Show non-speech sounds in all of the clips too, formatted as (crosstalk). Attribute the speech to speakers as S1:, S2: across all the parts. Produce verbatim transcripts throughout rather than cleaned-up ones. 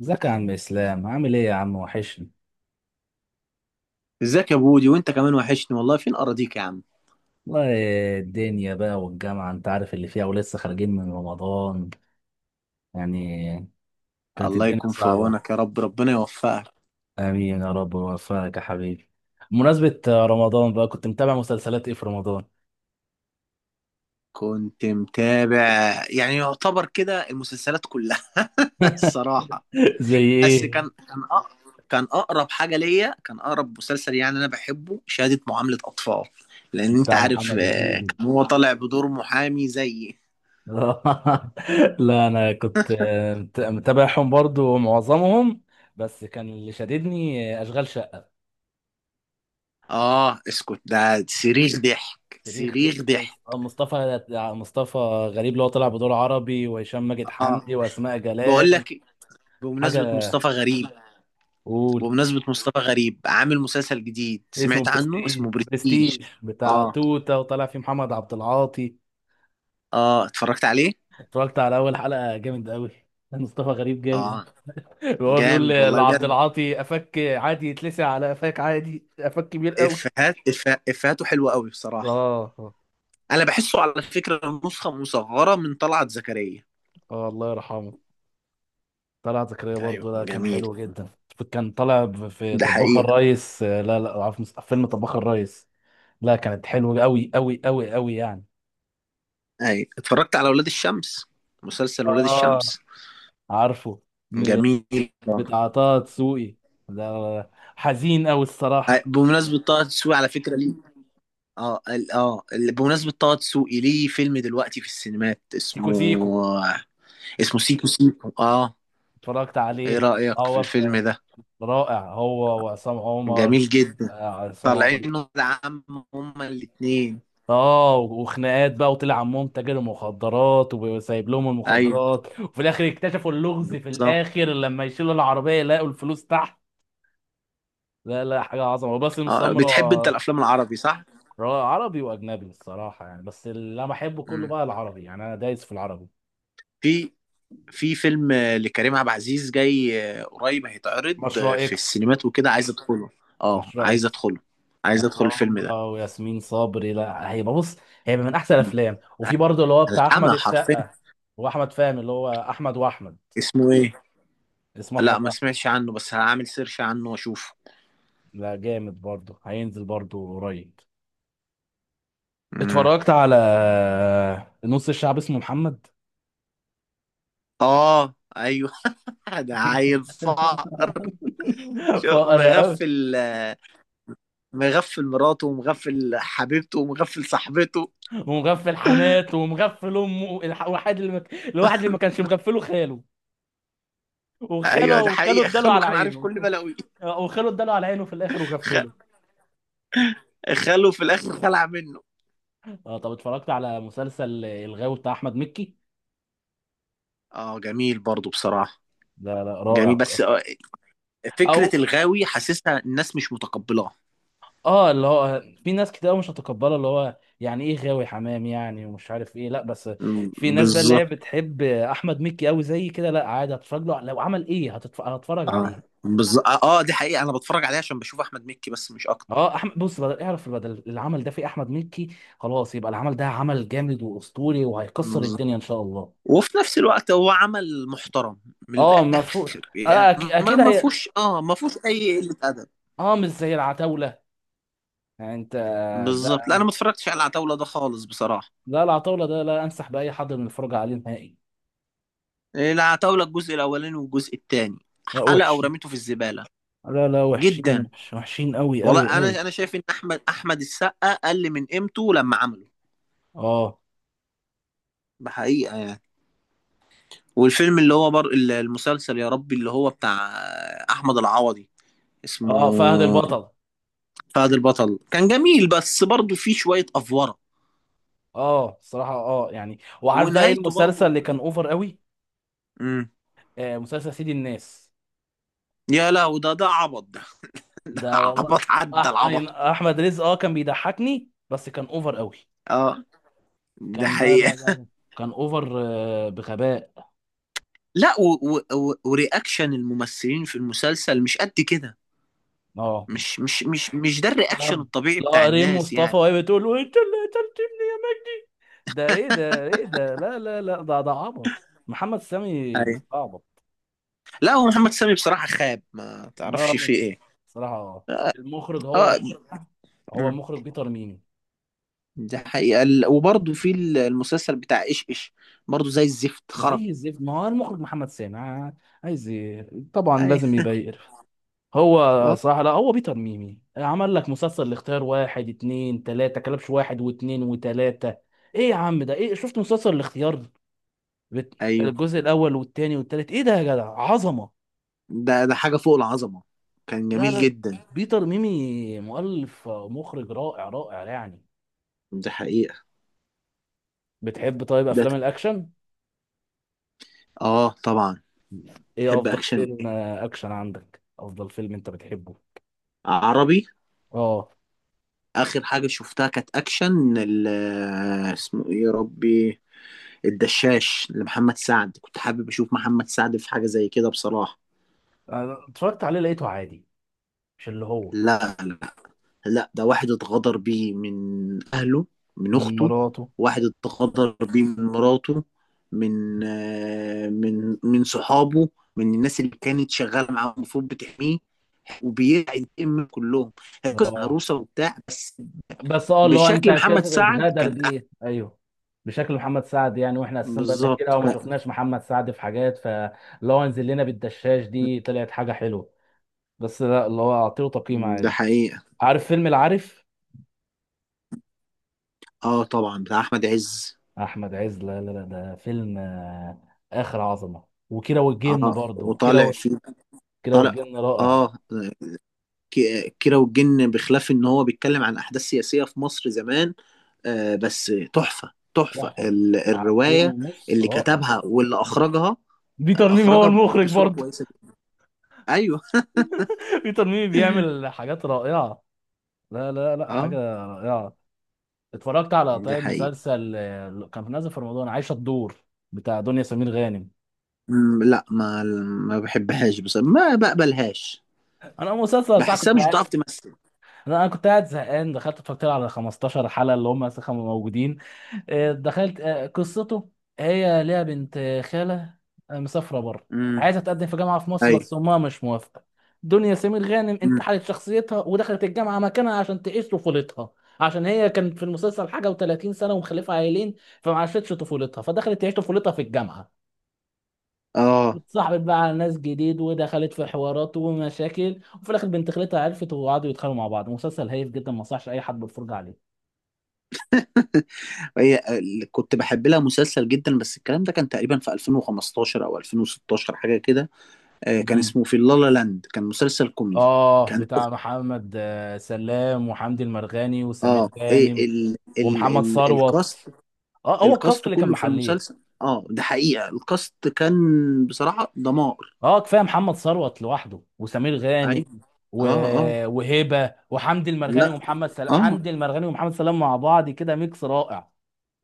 S1: ازيك يا عم اسلام؟ عامل ايه يا عم؟ وحشني
S2: ازيك يا بودي، وانت كمان وحشني والله. فين اراضيك يا عم؟
S1: والله. الدنيا بقى والجامعه انت عارف اللي فيها، ولسه خارجين من رمضان، يعني كانت
S2: الله
S1: الدنيا
S2: يكون في
S1: صعبه.
S2: عونك يا رب، ربنا يوفقك.
S1: امين يا رب ويوفقك يا حبيبي. بمناسبة رمضان بقى، كنت متابع مسلسلات ايه في رمضان؟
S2: كنت متابع، يعني يعتبر كده المسلسلات كلها. (laughs) الصراحة.
S1: (laughs) زي
S2: بس
S1: ايه؟
S2: كان كان أقرب. كان اقرب حاجة ليا، كان اقرب مسلسل يعني انا بحبه شهادة معاملة اطفال. لان انت
S1: بتاع
S2: عارف
S1: محمد
S2: آه،
S1: هنيدي.
S2: كان هو طالع بدور محامي زيي.
S1: (laughs) لا انا كنت مت- متابعهم برضو معظمهم، بس كان اللي شددني اشغال شقه.
S2: اه اسكت، ده صريخ ضحك
S1: تاريخ
S2: صريخ
S1: دي مص- آه،
S2: ضحك.
S1: مصطفى، مصطفى غريب، اللي هو طلع بدور عربي، وهشام ماجد، حمدي،
S2: اه
S1: واسماء
S2: بقول
S1: جلال.
S2: لك إيه، بمناسبة
S1: حاجه؟
S2: مصطفى غريب
S1: قول.
S2: بمناسبة مصطفى غريب عامل مسلسل جديد
S1: اسمه
S2: سمعت عنه
S1: برستيج،
S2: اسمه برستيج.
S1: برستيج بتاع
S2: اه،
S1: توته، وطلع فيه محمد عبد العاطي.
S2: اه اتفرجت عليه.
S1: اتفرجت على اول حلقه، جامد قوي، (laughs) مصطفى غريب
S2: اه
S1: جامد. (laughs) وهو بيقول
S2: جامد
S1: ل-
S2: والله
S1: لعبد
S2: بجد.
S1: العاطي قفاك عادي يتلسع، على قفاك عادي، قفاك كبير قوي.
S2: افهات إف- افهاته حلوة قوي بصراحة.
S1: اه اه.
S2: انا بحسه على فكرة نسخة مصغرة من طلعت زكريا.
S1: آه، الله يرحمه، طلعت زكريا
S2: ايوه
S1: برضه ده كان
S2: جميل.
S1: حلو جدا. كان طالع ب- في
S2: ده
S1: طباخ
S2: حقيقة.
S1: الريس، آه، لا لا، عارف مس- فيلم طباخ الريس؟ لا كانت حلوة أوي أوي أوي أوي يعني.
S2: ايوه اتفرجت على ولاد الشمس، مسلسل ولاد
S1: اه،
S2: الشمس.
S1: عارفه. م-
S2: جميل. آه.
S1: بتاع طه دسوقي ده، حزين أوي
S2: آه،
S1: الصراحة.
S2: بمناسبة طه دسوقي على فكرة ليه. اه ال- اه ال- بمناسبة طه دسوقي ليه فيلم دلوقتي في السينمات
S1: سيكو
S2: اسمه.
S1: سيكو
S2: اسمه سيكو سيكو، اه.
S1: اتفرجت
S2: ايه
S1: عليه.
S2: رأيك في
S1: هو
S2: الفيلم
S1: بت-
S2: ده؟
S1: رائع هو وعصام عمر.
S2: جميل
S1: آه،
S2: جدا.
S1: عصام عمر.
S2: طالعين ولاد عم، هما الاتنين.
S1: اه، وخناقات بقى، وطلع عمهم تاجر مخدرات، وسايب لهم
S2: ايوه
S1: المخدرات، وفي الاخر اكتشفوا اللغز، في
S2: بالظبط.
S1: الاخر لما يشيلوا العربيه يلاقوا الفلوس تحت. لا لا، حاجه عظمه، وباسم
S2: آه
S1: سمره.
S2: بتحب انت الافلام العربي، صح؟
S1: عربي واجنبي الصراحه يعني، بس اللي انا بحبه كله
S2: مم.
S1: بقى العربي، يعني انا دايس في العربي.
S2: في في فيلم آه، لكريم عبد العزيز جاي، آه، قريب هيتعرض آه،
S1: مشروع
S2: في
S1: اكس.
S2: السينمات وكده، عايز ادخله. اه
S1: مشروع
S2: عايز
S1: اكس.
S2: ادخله. عايز
S1: هيبقى
S2: ادخل الفيلم ده.
S1: هو وياسمين صبري، لا هيبقى بص، هيبقى من احسن
S2: مم.
S1: الافلام. وفي برضه اللي هو بتاع احمد
S2: هلحمها حرفيا.
S1: السقا واحمد فهمي، اللي هو احمد واحمد.
S2: اسمه ايه؟
S1: اسمه احمد
S2: لا ما
S1: واحمد.
S2: سمعتش عنه، بس هعمل سيرش عنه واشوفه.
S1: لا جامد، برضه هينزل برضه قريب.
S2: مم.
S1: اتفرجت على نص الشعب اسمه محمد.
S2: اه ايوه. (laughs) ده عيل فقر.
S1: (laughs)
S2: شو
S1: فقر قوي.
S2: مغفل. مغفل مراته ومغفل حبيبته ومغفل صاحبته.
S1: ومغفل حماته، ومغفل امه، الح- الواحد اللي ما- الواحد اللي ما كانش مغفله خاله،
S2: ايوه
S1: وخاله،
S2: ده
S1: وخاله
S2: حقيقة، (laughs)
S1: اداله
S2: خاله
S1: على
S2: كان عارف
S1: عينه.
S2: كل
S1: (laughs)
S2: بلاوي.
S1: آه، وخاله اداله على عينه في الاخر وغفله.
S2: خاله في الاخر خلع منه.
S1: اه، طب اتفرجت على مسلسل الغاوي بتاع احمد مكي؟
S2: اه جميل برضو بصراحة.
S1: لا لا،
S2: جميل
S1: رائع.
S2: بس، آه،
S1: او
S2: فكرة الغاوي حاسسها الناس مش متقبلاها.
S1: اه، اللي هو في ناس كتير مش هتقبله، اللي هو يعني ايه غاوي حمام يعني، ومش عارف ايه، لا بس
S2: م-
S1: في ناس بقى اللي هي
S2: بالظبط.
S1: بتحب احمد مكي قوي زي كده، لا عادي، هتفرج له لو عمل ايه، هتتف... هتفرج
S2: اه
S1: عليه.
S2: بالظبط، اه آه، دي حقيقة، انا بتفرج عليها عشان بشوف احمد مكي بس مش اكتر.
S1: اه، احمد بص، بدل اعرف بدل العمل ده في احمد مكي، خلاص يبقى العمل ده عمل جامد واسطوري، وهيكسر
S2: بالظبط.
S1: الدنيا ان شاء الله.
S2: وفي نفس الوقت هو عمل محترم، من
S1: اه، مفهوم.
S2: الاخر يعني.
S1: آه أك-
S2: ما
S1: اكيد
S2: ما
S1: هي.
S2: فيهوش اه ما فيهوش اي قلة ادب.
S1: اه، مش زي العتاوله، يعني انت،
S2: بالظبط، لا
S1: ده
S2: انا ما اتفرجتش على العتاوله ده خالص بصراحه.
S1: لا العتاوله ده لا انصح باي حد من الفرجه عليه نهائي.
S2: العتاوله الجزء الاولاني والجزء الثاني،
S1: لا
S2: حلقه
S1: وحش.
S2: ورميته في الزباله.
S1: لا لا وحشين،
S2: جدا،
S1: وحش- وحشين قوي
S2: والله
S1: قوي قوي.
S2: انا انا شايف ان احمد احمد السقا قل من قيمته لما عمله.
S1: اه
S2: بحقيقه يعني. والفيلم اللي هو بر... المسلسل يا ربي اللي هو بتاع احمد العوضي
S1: اه، فهد
S2: اسمه
S1: البطل.
S2: فهد البطل. كان جميل بس برضه فيه شويه افوره،
S1: اه الصراحه، اه يعني، وعارف بقى ايه
S2: ونهايته برضه.
S1: المسلسل اللي كان اوفر قوي؟
S2: امم.
S1: آه، مسلسل سيد الناس.
S2: يا لهوي، ده ده عبط ده. (laughs) ده
S1: ده والله
S2: عبط عدى
S1: أح... أي-
S2: العبط.
S1: احمد رزق اه كان بيضحكني، بس كان اوفر قوي.
S2: اه ده
S1: كان لا لا
S2: حقيقة.
S1: لا لا. كان اوفر آه، بغباء.
S2: لا و... و... و... ورياكشن الممثلين في المسلسل مش قد كده.
S1: اه
S2: مش مش مش مش ده
S1: اه.
S2: الرياكشن الطبيعي بتاع
S1: لا ريم
S2: الناس
S1: مصطفى
S2: يعني.
S1: وهي بتقول "وانت اللي قتلت ابني يا مجدي"، ده ايه ده، ايه ده، لا لا لا، ده ده عبط، محمد سامي
S2: ايوه.
S1: بيستعبط.
S2: لا هو محمد سامي بصراحة خاب، ما تعرفش
S1: اه،
S2: فيه ايه.
S1: صراحة اه. المخرج هو،
S2: اه.
S1: هو
S2: مم.
S1: مخرج بيتر ميمي.
S2: دي حقيقة. ال- وبرضه في ال- المسلسل بتاع ايش ايش، برضه زي الزفت خرب.
S1: زي الزفت، ما هو المخرج محمد سامي، ع- عايز ايه؟ طبعا
S2: ايوه.
S1: لازم يبقى يقرف. هو
S2: آه.
S1: صراحة، لا هو بيتر ميمي عمل لك مسلسل الاختيار واحد اتنين تلاتة، كلبش واحد واتنين وتلاتة. ايه يا عم ده؟ ايه، شفت مسلسل الاختيار؟ بت-
S2: ايوه
S1: الجزء الاول والتاني والتالت، ايه ده يا جدع، عظمه.
S2: ده ده حاجة فوق العظمة. كان
S1: لا
S2: جميل
S1: لا
S2: جدا.
S1: بيتر ميمي مؤلف مخرج رائع، رائع يعني.
S2: دي حقيقة.
S1: بتحب طيب
S2: ده
S1: افلام
S2: ت-
S1: الاكشن؟
S2: اه طبعا.
S1: ايه
S2: تحب
S1: افضل
S2: اكشن
S1: فيلم
S2: ايه؟
S1: آه، اكشن عندك، افضل فيلم انت بتحبه؟
S2: عربي.
S1: اه،
S2: اخر حاجه شفتها كانت اكشن، ال- اسمه ايه يا ربي؟ الدشاش لمحمد سعد، كنت حابب اشوف محمد سعد في حاجه زي كده بصراحه.
S1: أنا اتفرجت عليه، لقيته عادي. مش اللي هو
S2: لا لا لا، ده واحد اتغدر بيه من اهله، من
S1: من
S2: اخته.
S1: مراته؟
S2: واحد اتغدر بيه من مراته، من آه، من من صحابه. من الناس اللي كانت شغاله معاه المفروض بتحميه، وبينتقم من كلهم. هي قصه
S1: اه
S2: هروسه وبتاع بس.
S1: بس اه اللي هو انت
S2: بشكل محمد
S1: كسر
S2: سعد
S1: اتغدر
S2: كانت احسن.
S1: بيه، ايوه. بشكل محمد سعد يعني، واحنا اساسا بقالنا كتير
S2: بالظبط.
S1: قوي ما شفناش محمد سعد في حاجات، فلو انزل لنا بالدشاش دي طلعت حاجه حلوه، بس لا اللي هو اعطيه تقييم
S2: ده
S1: عادي.
S2: حقيقة.
S1: عارف فيلم العارف؟
S2: اه طبعا، بتاع احمد عز.
S1: احمد عز، لا لا لا، ده فيلم آه، اخر عظمه. وكيرة والجن
S2: اه
S1: برضو، كيرة
S2: وطالع
S1: و-
S2: فيه.
S1: كيرة
S2: طالع.
S1: والجن رائع.
S2: اه. ك- كيرة والجن، بخلاف ان هو بيتكلم عن احداث سياسية في مصر زمان، آه، بس تحفة تحفة
S1: تحفه،
S2: ال-
S1: ساعتين
S2: الرواية،
S1: ونص،
S2: اللي
S1: رائع.
S2: كتبها واللي اخرجها.
S1: بيتر ميمي هو
S2: اخرجها
S1: المخرج
S2: بصورة
S1: برضو.
S2: كويسة جدا. ايوه.
S1: (laughs) بيتر ميمي بيعمل
S2: (laughs)
S1: حاجات رائعه. لا لا لا، حاجه
S2: اه
S1: رائعه. اتفرجت على
S2: ده
S1: طيب
S2: حقيقي.
S1: مسلسل آه، كان نازل في رمضان، عايشه الدور، بتاع دنيا سمير غانم؟
S2: مم، لا ما ما بحبهاش بس ما بقبلهاش.
S1: انا مسلسل ساعه
S2: بحسها
S1: كنت،
S2: مش بتعرف تمثل.
S1: انا أنا كنت قاعد زهقان، دخلت اتفرجت له على خمستاشر حلقه اللي هم لسه كانوا موجودين. آه، دخلت، آه، قصته، هي ليها بنت آه، خاله آه، مسافره بره،
S2: امم.
S1: عايزه تقدم في جامعه في مصر،
S2: ايوه.
S1: بس امها مش موافقه. دنيا سمير غانم
S2: مم.
S1: انتحلت شخصيتها ودخلت الجامعه مكانها عشان تعيش طفولتها، عشان هي كانت في المسلسل حاجه و30 سنه ومخلفه عيلين، فما عاشتش طفولتها، فدخلت تعيش طفولتها في الجامعه.
S2: اه.
S1: اتصاحبت بقى على ناس جديد، ودخلت في حوارات ومشاكل، وفي الاخر بنت خالتها عرفت، وقعدوا يتخانقوا مع بعض. مسلسل هايف جدا، ما انصحش اي حد بالفرجه عليه.
S2: هي اللي كنت بحب لها مسلسل جدا، بس الكلام ده كان تقريبا في الفين وخمستاشر او الفين وستاشر حاجه كده. آه، كان
S1: مم.
S2: اسمه في اللالا لاند، كان مسلسل كوميدي.
S1: اه،
S2: كان،
S1: بتاع محمد آه، سلام، وحمدي المرغني،
S2: اه
S1: وسمير غانم،
S2: إيه ال ال
S1: ومحمد
S2: ال الكاست؟
S1: ثروت. اه، هو الكاست
S2: الكاست
S1: اللي كان
S2: كله في
S1: محليه.
S2: المسلسل، اه ده حقيقه الكاست كان بصراحه دمار.
S1: اه، كفايه محمد ثروت لوحده وسمير غانم
S2: ايوه.
S1: و...
S2: اه اه.
S1: وهبه وحمدي المرغني
S2: لا
S1: ومحمد سلام،
S2: اه
S1: حمدي المرغني ومحمد سلام مع بعض كده ميكس رائع.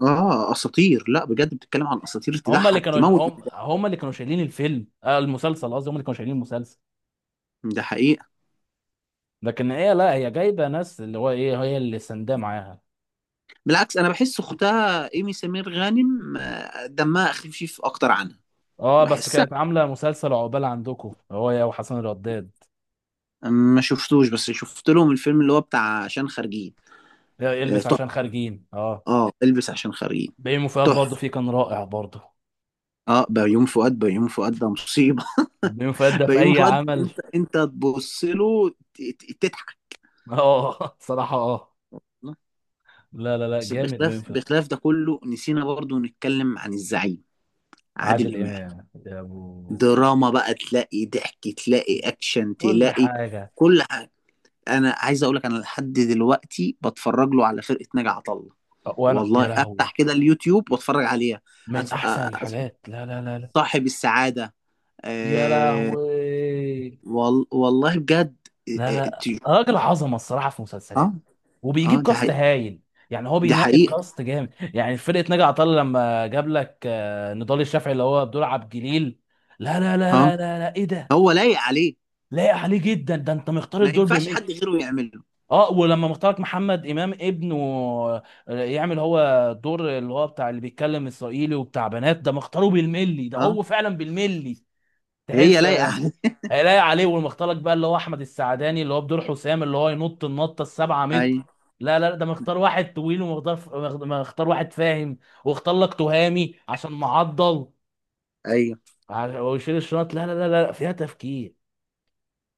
S2: اه اساطير، لا بجد بتتكلم عن اساطير
S1: هم اللي
S2: تضحك
S1: كانوا
S2: تموت.
S1: هم, هم اللي كانوا شايلين الفيلم، آه المسلسل قصدي، هم اللي كانوا شايلين المسلسل.
S2: ده حقيقه.
S1: لكن هي لا هي جايبه ناس اللي هو ايه، هي اللي سنداه معاها.
S2: بالعكس انا بحس اختها ايمي سمير غانم آه، دمها خفيف اكتر عنها.
S1: اه، بس
S2: بحس.
S1: كانت عامله مسلسل عقبال عندكم هو يا، وحسن الرداد،
S2: ما شفتوش، بس شفت لهم الفيلم اللي هو بتاع عشان خارجين. آه،
S1: البس
S2: تحفة.
S1: عشان خارجين. اه،
S2: اه البس عشان خارجين،
S1: بيومي فؤاد برضه
S2: تحفة.
S1: فيه، كان رائع برضه.
S2: اه بيومي فؤاد، بيومي فؤاد ده مصيبة.
S1: بيومي فؤاد
S2: (laughs)
S1: ده في
S2: بيومي
S1: اي
S2: فؤاد
S1: عمل.
S2: انت انت تبص له ت- ت- تضحك.
S1: اه، (laughs) صراحه اه. لا لا لا،
S2: بس
S1: جامد بيومي
S2: بخلاف
S1: فؤاد.
S2: بخلاف ده كله، نسينا برضو نتكلم عن الزعيم عادل
S1: عادل
S2: إمام.
S1: امام، يا ابو،
S2: دراما بقى، تلاقي ضحك تلاقي اكشن
S1: كل
S2: تلاقي
S1: حاجه.
S2: كل حاجة. انا عايز اقول لك انا لحد دلوقتي بتفرج له على فرقة ناجي عطا الله.
S1: وانا
S2: والله
S1: يا لهوي،
S2: افتح كده اليوتيوب واتفرج عليها.
S1: من
S2: أتف...
S1: احسن
S2: أ-
S1: الحاجات. لا لا لا،
S2: صاحب السعادة،
S1: يا
S2: آه
S1: لهوي.
S2: وال والله بجد. آه
S1: لا
S2: آه
S1: لا
S2: ت-
S1: راجل عظمه الصراحه، في
S2: آه،
S1: مسلسلات،
S2: آه،
S1: وبيجيب
S2: دي
S1: كاست
S2: حقيقة.
S1: هايل. يعني هو
S2: دي
S1: بينقي
S2: حقيقة.
S1: الكاست جامد، يعني فرقه ناجي عطا الله، لما جاب لك آه، نضال الشافعي اللي هو بدور عبد الجليل، لا لا لا
S2: اه
S1: لا لا لا ايه ده،
S2: هو لايق عليه.
S1: لايق عليه جدا، ده انت مختار
S2: ما
S1: الدور
S2: ينفعش
S1: بمين.
S2: حد غيره يعمله.
S1: اه، ولما مختارك محمد امام ابنه آه، يعمل هو دور اللي هو بتاع اللي بيتكلم اسرائيلي وبتاع بنات، ده مختاره بالملي، ده
S2: اه
S1: هو فعلا بالملي.
S2: هي
S1: تحس
S2: لايقة
S1: آه،
S2: عليه.
S1: هيلاقي عليه. والمختلط بقى اللي هو احمد السعداني اللي هو بدور حسام، اللي هو ينط النطه السبعة
S2: (laughs)
S1: متر،
S2: ايوه.
S1: لا لا لا، ده مختار واحد طويل، ومختار، مختار واحد فاهم، واختار لك تهامي عشان معضل
S2: ايوه.
S1: ع- ويشيل الشنط، لا لا لا لا، فيها تفكير.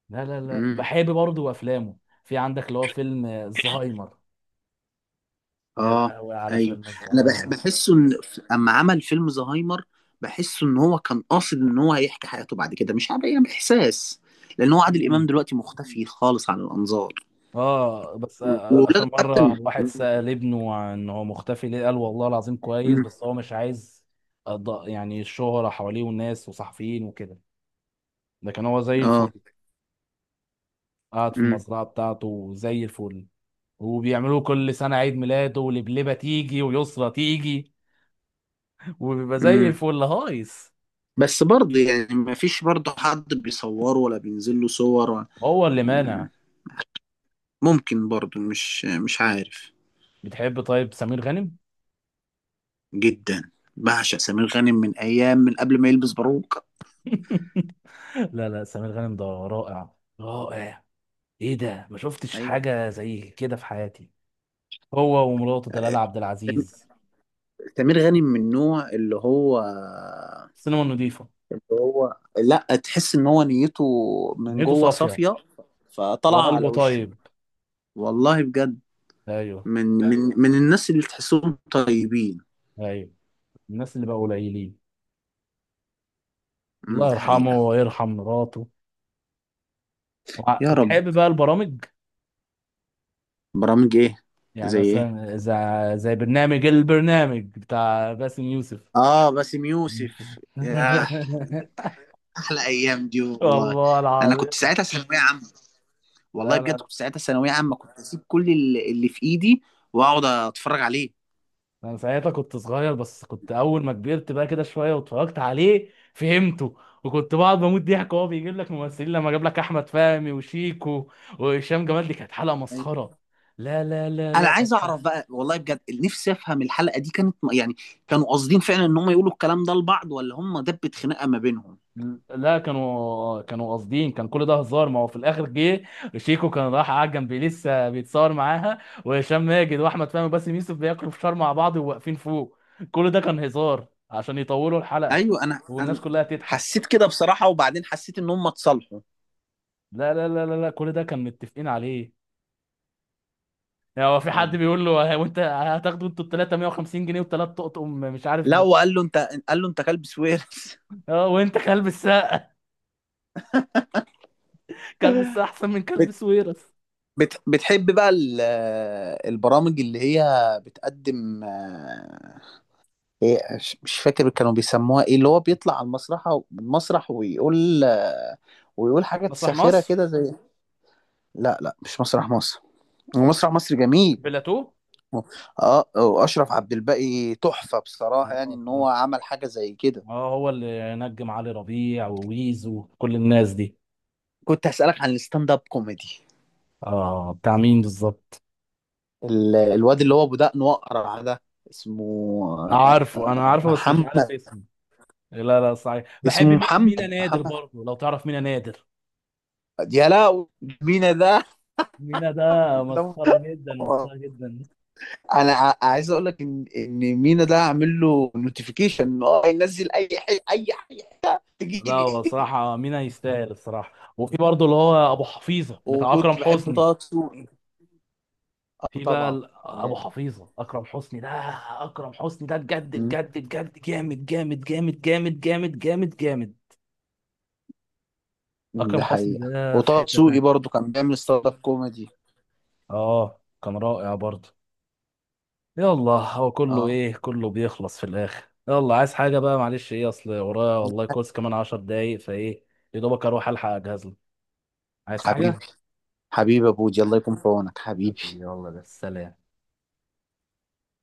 S1: لا لا لا،
S2: امم.
S1: بحب برضه افلامه. في عندك اللي هو فيلم آه، الزهايمر، يا
S2: اه
S1: لهوي على
S2: ايوه.
S1: فيلم
S2: انا بح
S1: الزهايمر.
S2: بحسه ان، ف- اما عمل فيلم زهايمر، بحسه ان هو كان قاصد ان هو هيحكي حياته بعد كده، مش عارف يعني احساس. لان هو عادل امام
S1: مم.
S2: دلوقتي مختفي خالص عن الانظار.
S1: اه بس آه، آه، اخر
S2: واولاده حتى.
S1: مره
S2: م-
S1: واحد سأل ابنه عن هو مختفي ليه، قال والله العظيم كويس، بس
S2: م-
S1: هو مش عايز، أض- يعني الشهره حواليه والناس وصحفيين وكده، لكن هو زي
S2: اه
S1: الفل، قاعد في المزرعه بتاعته زي الفل، وبيعملوا كل سنه عيد ميلاده، ولبلبه تيجي ويسرى تيجي، (laughs) وبيبقى زي
S2: امم
S1: الفل هايص.
S2: بس برضه يعني ما فيش برضه حد بيصوره ولا بينزل له صور ولا-
S1: هو اللي
S2: مم،
S1: مانع.
S2: ممكن برضه مش مش عارف.
S1: بتحب طيب سمير غانم؟
S2: جدا. بعشق سمير غانم من ايام، من قبل ما يلبس باروكة.
S1: (laughs) لا لا، سمير غانم ده رائع رائع. ايه ده، ما شفتش
S2: ايوه.
S1: حاجه زي كده في حياتي. هو ومراته دلال عبد العزيز،
S2: سمير غانم من النوع اللي هو،
S1: السينما نضيفة،
S2: اللي هو لا تحس ان هو نيته من
S1: نيته
S2: جوه
S1: صافية،
S2: صافية فطلع على
S1: وقلبه
S2: وشه.
S1: طيب.
S2: والله بجد.
S1: ايوه.
S2: من من من الناس اللي تحسهم طيبين.
S1: ايوه. الناس اللي بقى قليلين.
S2: مم،
S1: الله
S2: ده
S1: يرحمه
S2: حقيقة.
S1: ويرحم مراته. وع-
S2: يا رب.
S1: بتحب بقى البرامج؟
S2: برامج ايه؟
S1: يعني
S2: زي ايه؟
S1: مثلا زي, زي برنامج البرنامج بتاع باسم يوسف.
S2: اه باسم يوسف، ياه
S1: (laughs)
S2: احلى ايام دي والله.
S1: والله
S2: انا كنت
S1: العظيم.
S2: ساعتها ثانويه عامه. والله بجد
S1: لا
S2: كنت ساعتها ثانويه عامه، كنت اسيب كل اللي اللي في ايدي واقعد اتفرج عليه.
S1: انا ساعتها كنت صغير، بس كنت اول ما كبرت بقى كده شويه واتفرجت عليه، فهمته، وكنت بقعد بموت ضحك. وهو بيجيب لك ممثلين، لما جاب لك احمد فهمي وشيكو وهشام جمال، دي كانت حلقه
S2: أيوة.
S1: مسخره. لا لا لا
S2: انا
S1: لا كانت
S2: عايز
S1: حلقه.
S2: اعرف بقى، والله بجد نفسي افهم، الحلقه دي كانت م- يعني كانوا قاصدين فعلا ان هم يقولوا الكلام ده لبعض، ولا هم دبت خناقه ما بينهم؟
S1: لا كانوا كانوا قاصدين، كان كل ده هزار، ما هو في الاخر جه شيكو كان راح قاعد جنبي لسه بيتصور معاها، وهشام ماجد واحمد فهمي وباسم يوسف بياكلوا فشار مع بعض وواقفين فوق، كل ده كان هزار عشان يطولوا الحلقه
S2: ايوه. انا
S1: والناس
S2: انا
S1: كلها تضحك.
S2: حسيت كده بصراحه، وبعدين حسيت ان هم اتصالحوا.
S1: لا لا لا لا لا، كل ده كان متفقين عليه. يعني هو في حد
S2: ايوه.
S1: بيقول له "ها- وانت هتاخدوا انتوا التلاتة مية وخمسين جنيه وثلاث تقطقم مش عارف
S2: لا،
S1: ب...
S2: وقال له انت، قال له انت كلب سويرس.
S1: اه، وانت كلب الساعة، (laughs) كلب الساعة احسن من كلب
S2: (laughs)
S1: سويرس.
S2: بت... بتحب بقى ال... البرامج اللي هي بتقدم، آه، ايه، مش مش فاكر كانوا بيسموها ايه، اللي هو بيطلع على المسرح المسرح ويقول آه، ويقول حاجات
S1: مسرح
S2: ساخرة
S1: مصر.
S2: كده، زي. لا لا، مش مسرح مصر، هو مسرح مصر جميل.
S1: بلاتو.
S2: اه واشرف عبد الباقي تحفة
S1: اه
S2: بصراحة، يعني ان هو
S1: اه،
S2: عمل حاجة زي كده.
S1: آه، هو اللي نجم علي ربيع وويز وكل الناس دي.
S2: كنت هسألك عن الستاند اب كوميدي.
S1: اه، بتاع مين بالظبط؟
S2: ال... الواد اللي هو ابو دقن واقرع ده، اسمه،
S1: عارفه، انا
S2: آه،
S1: عارفه بس مش عارف
S2: محمد.
S1: اسمه. لا لا، صحيح،
S2: اسمه
S1: بحب مي- مينا
S2: محمد،
S1: نادر
S2: محمد
S1: برضه، لو تعرف مينا نادر.
S2: يا لا. مينا ده.
S1: مينا ده مسخرة
S2: ده-
S1: جدا، مسخرة جدا.
S2: انا ع- عايز اقول لك ان ان مينا ده عامل له نوتيفيكيشن ان هو ينزل اي حاجه، اي حاجه تجي
S1: لا
S2: لي.
S1: هو
S2: (laughs)
S1: صراحة مينا يستاهل الصراحة. وفي برضه اللي هو أبو حفيظة بتاع أكرم
S2: وكنت بحب
S1: حسني.
S2: طه دسوقي. اه
S1: في بقى
S2: طبعا.
S1: ال- أبو
S2: جامد.
S1: حفيظة، أكرم حسني ده، أكرم حسني ده بجد
S2: مم.
S1: بجد بجد جامد جامد جامد جامد جامد جامد جامد. أكرم
S2: ده
S1: حسني
S2: حقيقه،
S1: ده في
S2: وطه
S1: حتة
S2: دسوقي
S1: تانية.
S2: برضه كان بيعمل ستارت اب كوميدي.
S1: آه، كان رائع برضه. يلا هو كله
S2: اه
S1: إيه، كله بيخلص في الآخر. يلا عايز حاجة بقى؟ معلش، إيه أصل ورايا والله كورس كمان عشر دقايق، فإيه يا دوبك أروح ألحق أجهز لك. عايز
S2: حبيبي،
S1: حاجة؟
S2: حبيبي يا بودي، الله يكون في عونك حبيبي.
S1: يلا بس، سلام.